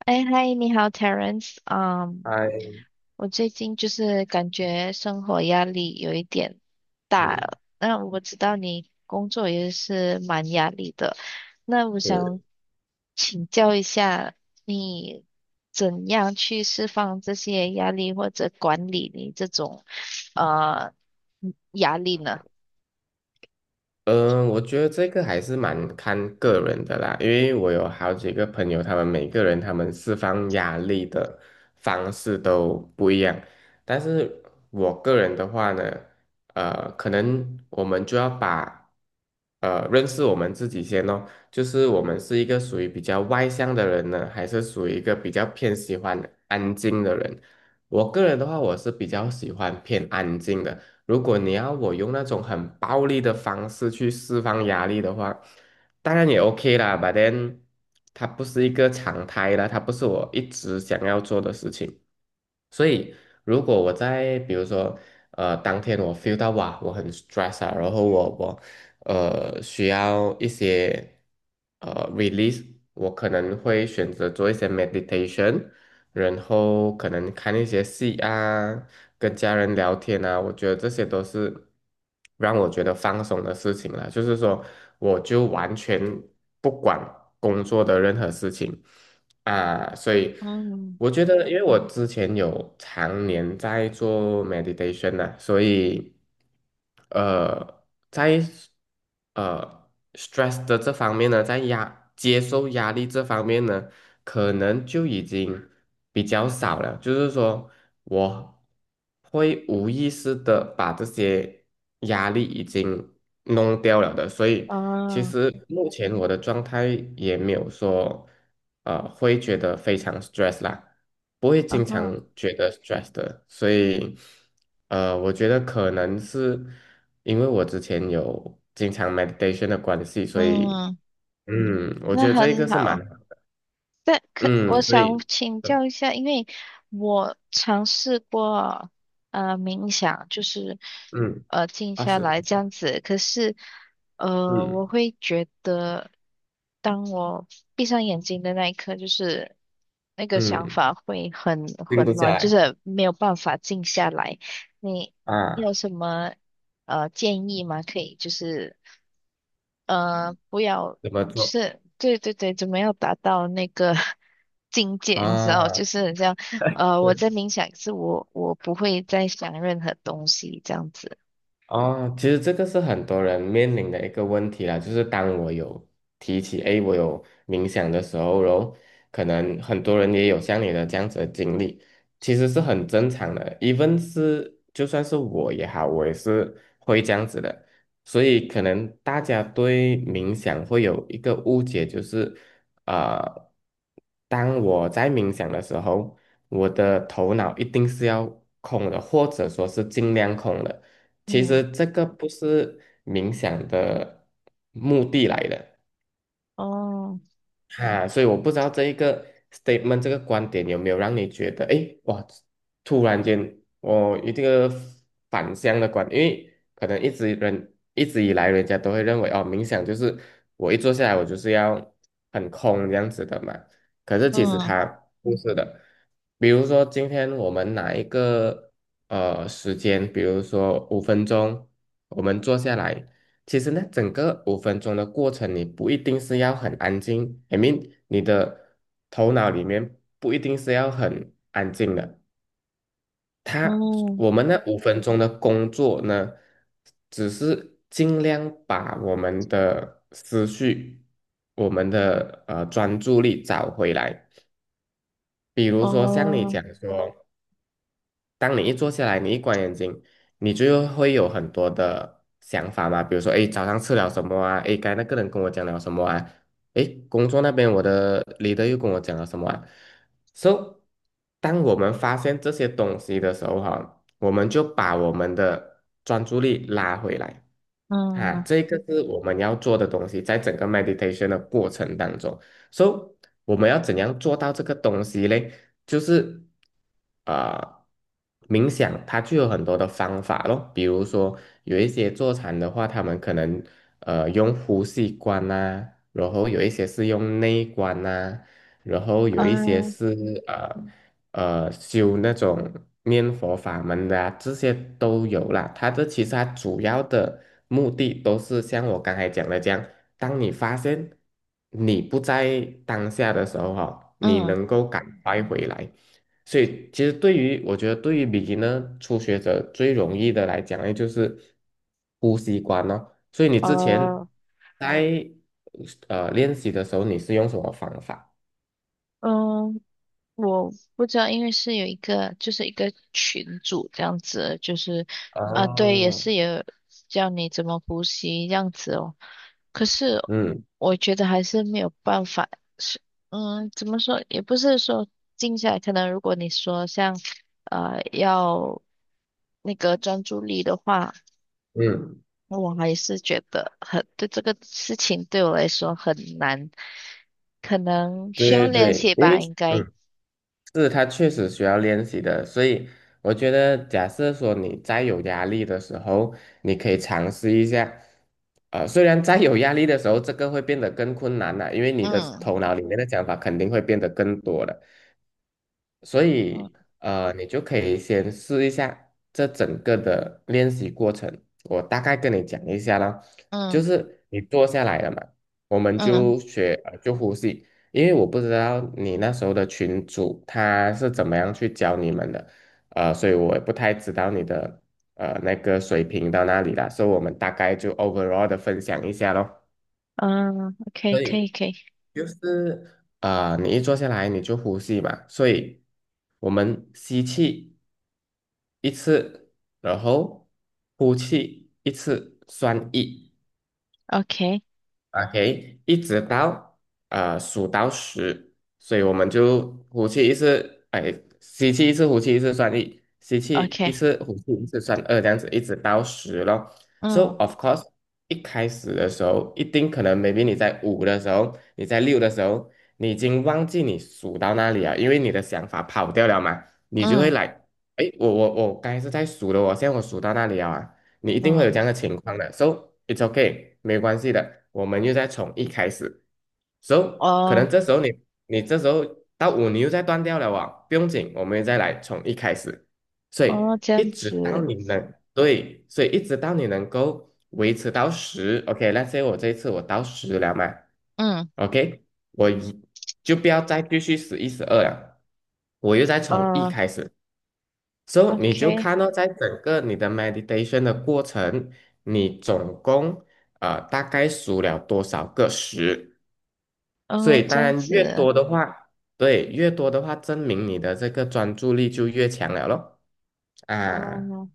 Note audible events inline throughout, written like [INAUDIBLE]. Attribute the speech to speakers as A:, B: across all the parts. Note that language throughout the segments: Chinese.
A: 哎，嗨，你好，Terence。嗯，
B: 哎，
A: 我最近就是感觉生活压力有一点大
B: 嗯，
A: 了那我知道你工作也是蛮压力的，那我
B: 是，
A: 想请教一下，你怎样去释放这些压力，或者管理你这种呃压力呢？
B: 嗯，我觉得这个还是蛮看个人的啦，因为我有好几个朋友，他们每个人他们释放压力的方式都不一样，但是我个人的话呢，可能我们就要把认识我们自己先哦，就是我们是一个属于比较外向的人呢，还是属于一个比较偏喜欢安静的人？我个人的话，我是比较喜欢偏安静的。如果你要我用那种很暴力的方式去释放压力的话，当然也 OK 啦，but then 它不是一个常态啦，它不是我一直想要做的事情。所以，如果我在比如说，当天我 feel 到哇，我很 stress 啊，然后我需要一些release，我可能会选择做一些 meditation，然后可能看一些戏啊，跟家人聊天啊，我觉得这些都是让我觉得放松的事情了。就是说，我就完全不管工作的任何事情，啊，所以
A: 嗯，
B: 我觉得，因为我之前有常年在做 meditation 呢、所以呃，在stress 的这方面呢，在接受压力这方面呢，可能就已经比较少了。就是说，我会无意识的把这些压力已经弄掉了的，所以其
A: 哦，
B: 实目前我的状态也没有说，会觉得非常 stress 啦，不会
A: 啊
B: 经常
A: 哈，
B: 觉得 stress 的，所以，我觉得可能是因为我之前有经常 meditation 的关系，所以，
A: 嗯，
B: 嗯，我觉
A: 那
B: 得这一
A: 很
B: 个是蛮，
A: 好。
B: 好，
A: 但可我
B: 嗯，所
A: 想
B: 以，
A: 请
B: 呃
A: 教一下，因为我尝试过冥想，就是
B: 嗯，
A: 静
B: 二
A: 下
B: 十，
A: 来这样子，可是我
B: 嗯
A: 会觉得，当我闭上眼睛的那一刻，就是那个想
B: 嗯，
A: 法会很
B: 定不
A: 混
B: 下
A: 乱，就
B: 来
A: 是没有办法静下来。你你有
B: 啊，
A: 什么建议吗？可以就是不要。
B: 怎么
A: 就
B: 做
A: 是对对对，就没有达到那个 [LAUGHS] 境界，你知道，
B: 啊？
A: 就是很像我在冥想，可是我不会再想任何东西这样子。
B: 哦，其实这个是很多人面临的一个问题啦，就是当我有提起，诶，我有冥想的时候，然后可能很多人也有像你的这样子的经历，其实是很正常的 e v 是就算是我也好，我也是会这样子的，所以可能大家对冥想会有一个误解，就是呃，当我在冥想的时候，我的头脑一定是要空的，或者说是尽量空的。其
A: 嗯，
B: 实这个不是冥想的目的来的。
A: 哦，
B: 哈、所以我不知道这一个 statement 这个观点有没有让你觉得，诶，哇，突然间我一这个反向的观，因为可能一直以来人家都会认为哦，冥想就是我一坐下来我就是要很空这样子的嘛，可是其实
A: 嗯，
B: 它不是的，比如说今天我们拿一个时间，比如说五分钟，我们坐下来。其实呢，整个五分钟的过程，你不一定是要很安静，I mean，你的头脑里面不一定是要很安静的。它，
A: 嗯，
B: 我们那五分钟的工作呢，只是尽量把我们的思绪、我们的专注力找回来。比如说像你
A: 哦，
B: 讲说，当你一坐下来，你一关眼睛，你就会有很多的想法嘛，比如说，哎，早上吃了什么啊？哎，刚才那个人跟我讲了什么啊？哎，工作那边我的 leader 又跟我讲了什么啊？So，当我们发现这些东西的时候，哈，我们就把我们的专注力拉回来。啊，
A: 嗯，
B: 这个是我们要做的东西，在整个 meditation 的过程当中，so 我们要怎样做到这个东西呢？就是啊，冥想它就有很多的方法喽，比如说有一些坐禅的话，他们可能用呼吸观啊，然后有一些是用内观啊，然后有一些
A: 嗯，
B: 是啊。修那种念佛法门的啊这些都有啦。它这其实它主要的目的都是像我刚才讲的这样，当你发现你不在当下的时候哈、你
A: 嗯，
B: 能够赶快回来。所以其实对于我觉得对于 b e g 初学者最容易的来讲呢，就是呼吸关哦。所以你之前
A: 哦，
B: 在练习的时候，你是用什么方法？
A: 嗯。我不知道，因为是有一个，就是一个群组这样子，就是
B: 嗯
A: 啊，对，也
B: 哦，
A: 是有教你怎么呼吸这样子哦。可是
B: 嗯
A: 我觉得还是没有办法，是怎么说，也不是说静下来，可能如果你说像要那个专注力的话，
B: 嗯。
A: 我还是觉得很，对这个事情对我来说很难，可能需要
B: 对对
A: 练
B: 对，
A: 习
B: 因
A: 吧，
B: 为
A: 应该，
B: 嗯，是他确实需要练习的，所以我觉得，假设说你再有压力的时候，你可以尝试一下。呃，虽然再有压力的时候，这个会变得更困难了，因为你的
A: 嗯。
B: 头脑里面的想法肯定会变得更多了。所以
A: 嗯
B: 你就可以先试一下这整个的练习过程。我大概跟你讲一下啦，就
A: 嗯
B: 是你坐下来了嘛，我们
A: 嗯
B: 就呼吸，因为我不知道你那时候的群主他是怎么样去教你们的，所以我也不太知道你的那个水平到哪里啦，所以我们大概就 overall 的分享一下咯。
A: 嗯，OK，
B: 所
A: 可以，
B: 以
A: 可以
B: 就是啊，你一坐下来你就呼吸嘛，所以我们吸气一次，然后呼气一次，算一。
A: ，OK，OK，
B: OK，一直到数到十，所以我们就呼气一次，哎，吸气一次，呼气一次算一，吸气一次，呼气一次算二，这样子一直到十咯。So
A: 嗯
B: of course，一开始的时候，一定可能 maybe 你在五的时候，你在六的时候，你已经忘记你数到那里了，因为你的想法跑掉了嘛，你就会
A: 嗯
B: 来，哎，我刚才是在数的哦，我现在我数到那里了啊，你一定会有这
A: 嗯
B: 样的情况的，so it's okay，没有关系的，我们又再从一开始，so 可
A: 哦
B: 能这时候你这时候到五你又再断掉了啊，不用紧，我们又再来从一开始，所以
A: 哦，这
B: 一
A: 样
B: 直到
A: 子，
B: 你能对，所以一直到你能够维持到十 o k 那所以我这一次我到十了嘛
A: 嗯，
B: ，OK，我一就不要再继续11、12了，我又再从一
A: 哦
B: 开始，So，你就
A: ，OK，
B: 看到在整个你的 meditation 的过程，你总共大概数了多少个十？所
A: 哦，
B: 以
A: 这
B: 当
A: 样
B: 然越
A: 子，
B: 多的话，对，越多的话，证明你的这个专注力就越强了咯。啊，
A: 哦，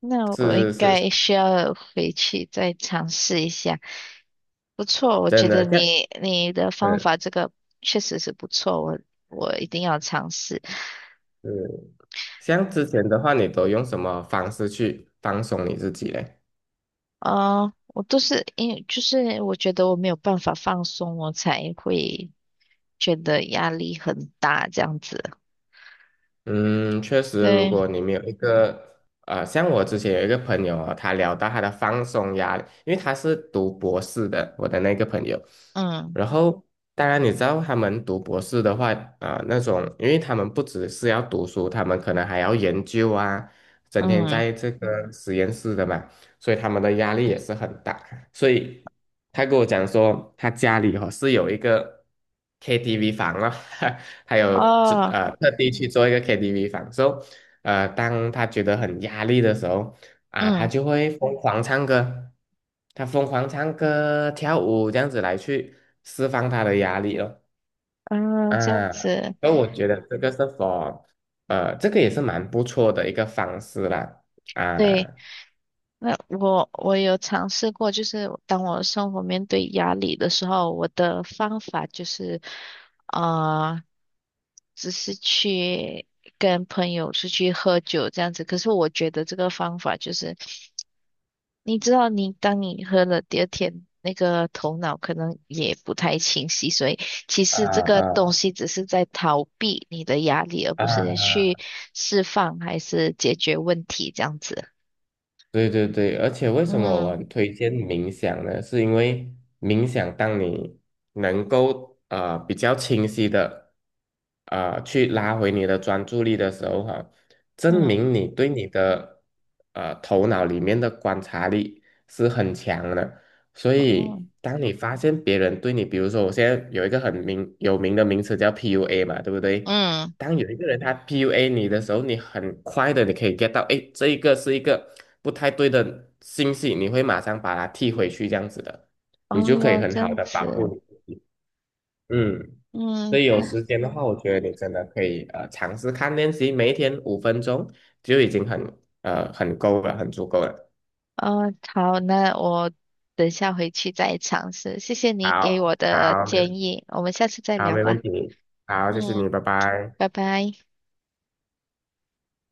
A: 那我应
B: 是是是，
A: 该需要回去再尝试一下。不错，我觉
B: 真
A: 得
B: 的，像
A: 你的方
B: 嗯
A: 法这个确实是不错，我一定要尝试。
B: 嗯，像之前的话，你都用什么方式去放松你自己嘞？
A: 哦，我都是因为就是我觉得我没有办法放松，我才会，觉得压力很大，这样子。
B: 嗯，确实，如
A: 对，
B: 果你们有一个像我之前有一个朋友啊，他聊到他的放松压力，因为他是读博士的，我的那个朋友。
A: 嗯
B: 然后，当然你知道他们读博士的话，啊、那种，因为他们不只是要读书，他们可能还要研究啊，整天
A: 嗯，
B: 在这个实验室的嘛，所以他们的压力也是很大。所以他跟我讲说，他家里哦是有一个 KTV 房了，[LAUGHS] 还有这
A: 哦，
B: 特地去做一个 KTV 房，so 当他觉得很压力的时候啊，他
A: 嗯
B: 就会疯狂唱歌，他疯狂唱歌跳舞这样子来去释放他的压力哦。
A: 嗯，这样
B: 啊，
A: 子。
B: 所以我觉得这个是 这个也是蛮不错的一个方式啦。
A: 对，
B: 啊
A: 那我有尝试过，就是当我生活面对压力的时候，我的方法就是啊、只是去跟朋友出去喝酒这样子。可是我觉得这个方法就是你知道，你当你喝了第二天，那个头脑可能也不太清晰，所以其实这个
B: 啊
A: 东西只是在逃避你的压力，而
B: 啊
A: 不是
B: 啊！
A: 去释放还是解决问题这样子。
B: 对对对，而且为什么我
A: 嗯
B: 很推荐冥想呢？是因为冥想，当你能够比较清晰的去拉回你的专注力的时候，哈、证
A: 嗯
B: 明你对你的头脑里面的观察力是很强的。所
A: 哦
B: 以，当你发现别人对你，比如说我现在有一个有名的名词叫 PUA 嘛，对不对？
A: 嗯
B: 当有一个人他 PUA 你的时候，你很快的你可以 get 到，哎，这一个是一个不太对的信息，你会马上把它踢回去，这样子的，你就可以
A: 哦，
B: 很
A: 这
B: 好
A: 样
B: 的保护
A: 子，
B: 你自己。嗯，所以
A: 嗯
B: 有时间的话，我觉得你真的可以尝试看练习，每一天五分钟就已经很够了，很足够了。
A: 哦好，那我等下回去再尝试。谢谢你给我
B: 好，
A: 的
B: 好，
A: 建议，我们下次再聊
B: 没
A: 吧。
B: 问题。好，谢谢
A: 嗯，
B: 你，拜拜。
A: 拜拜。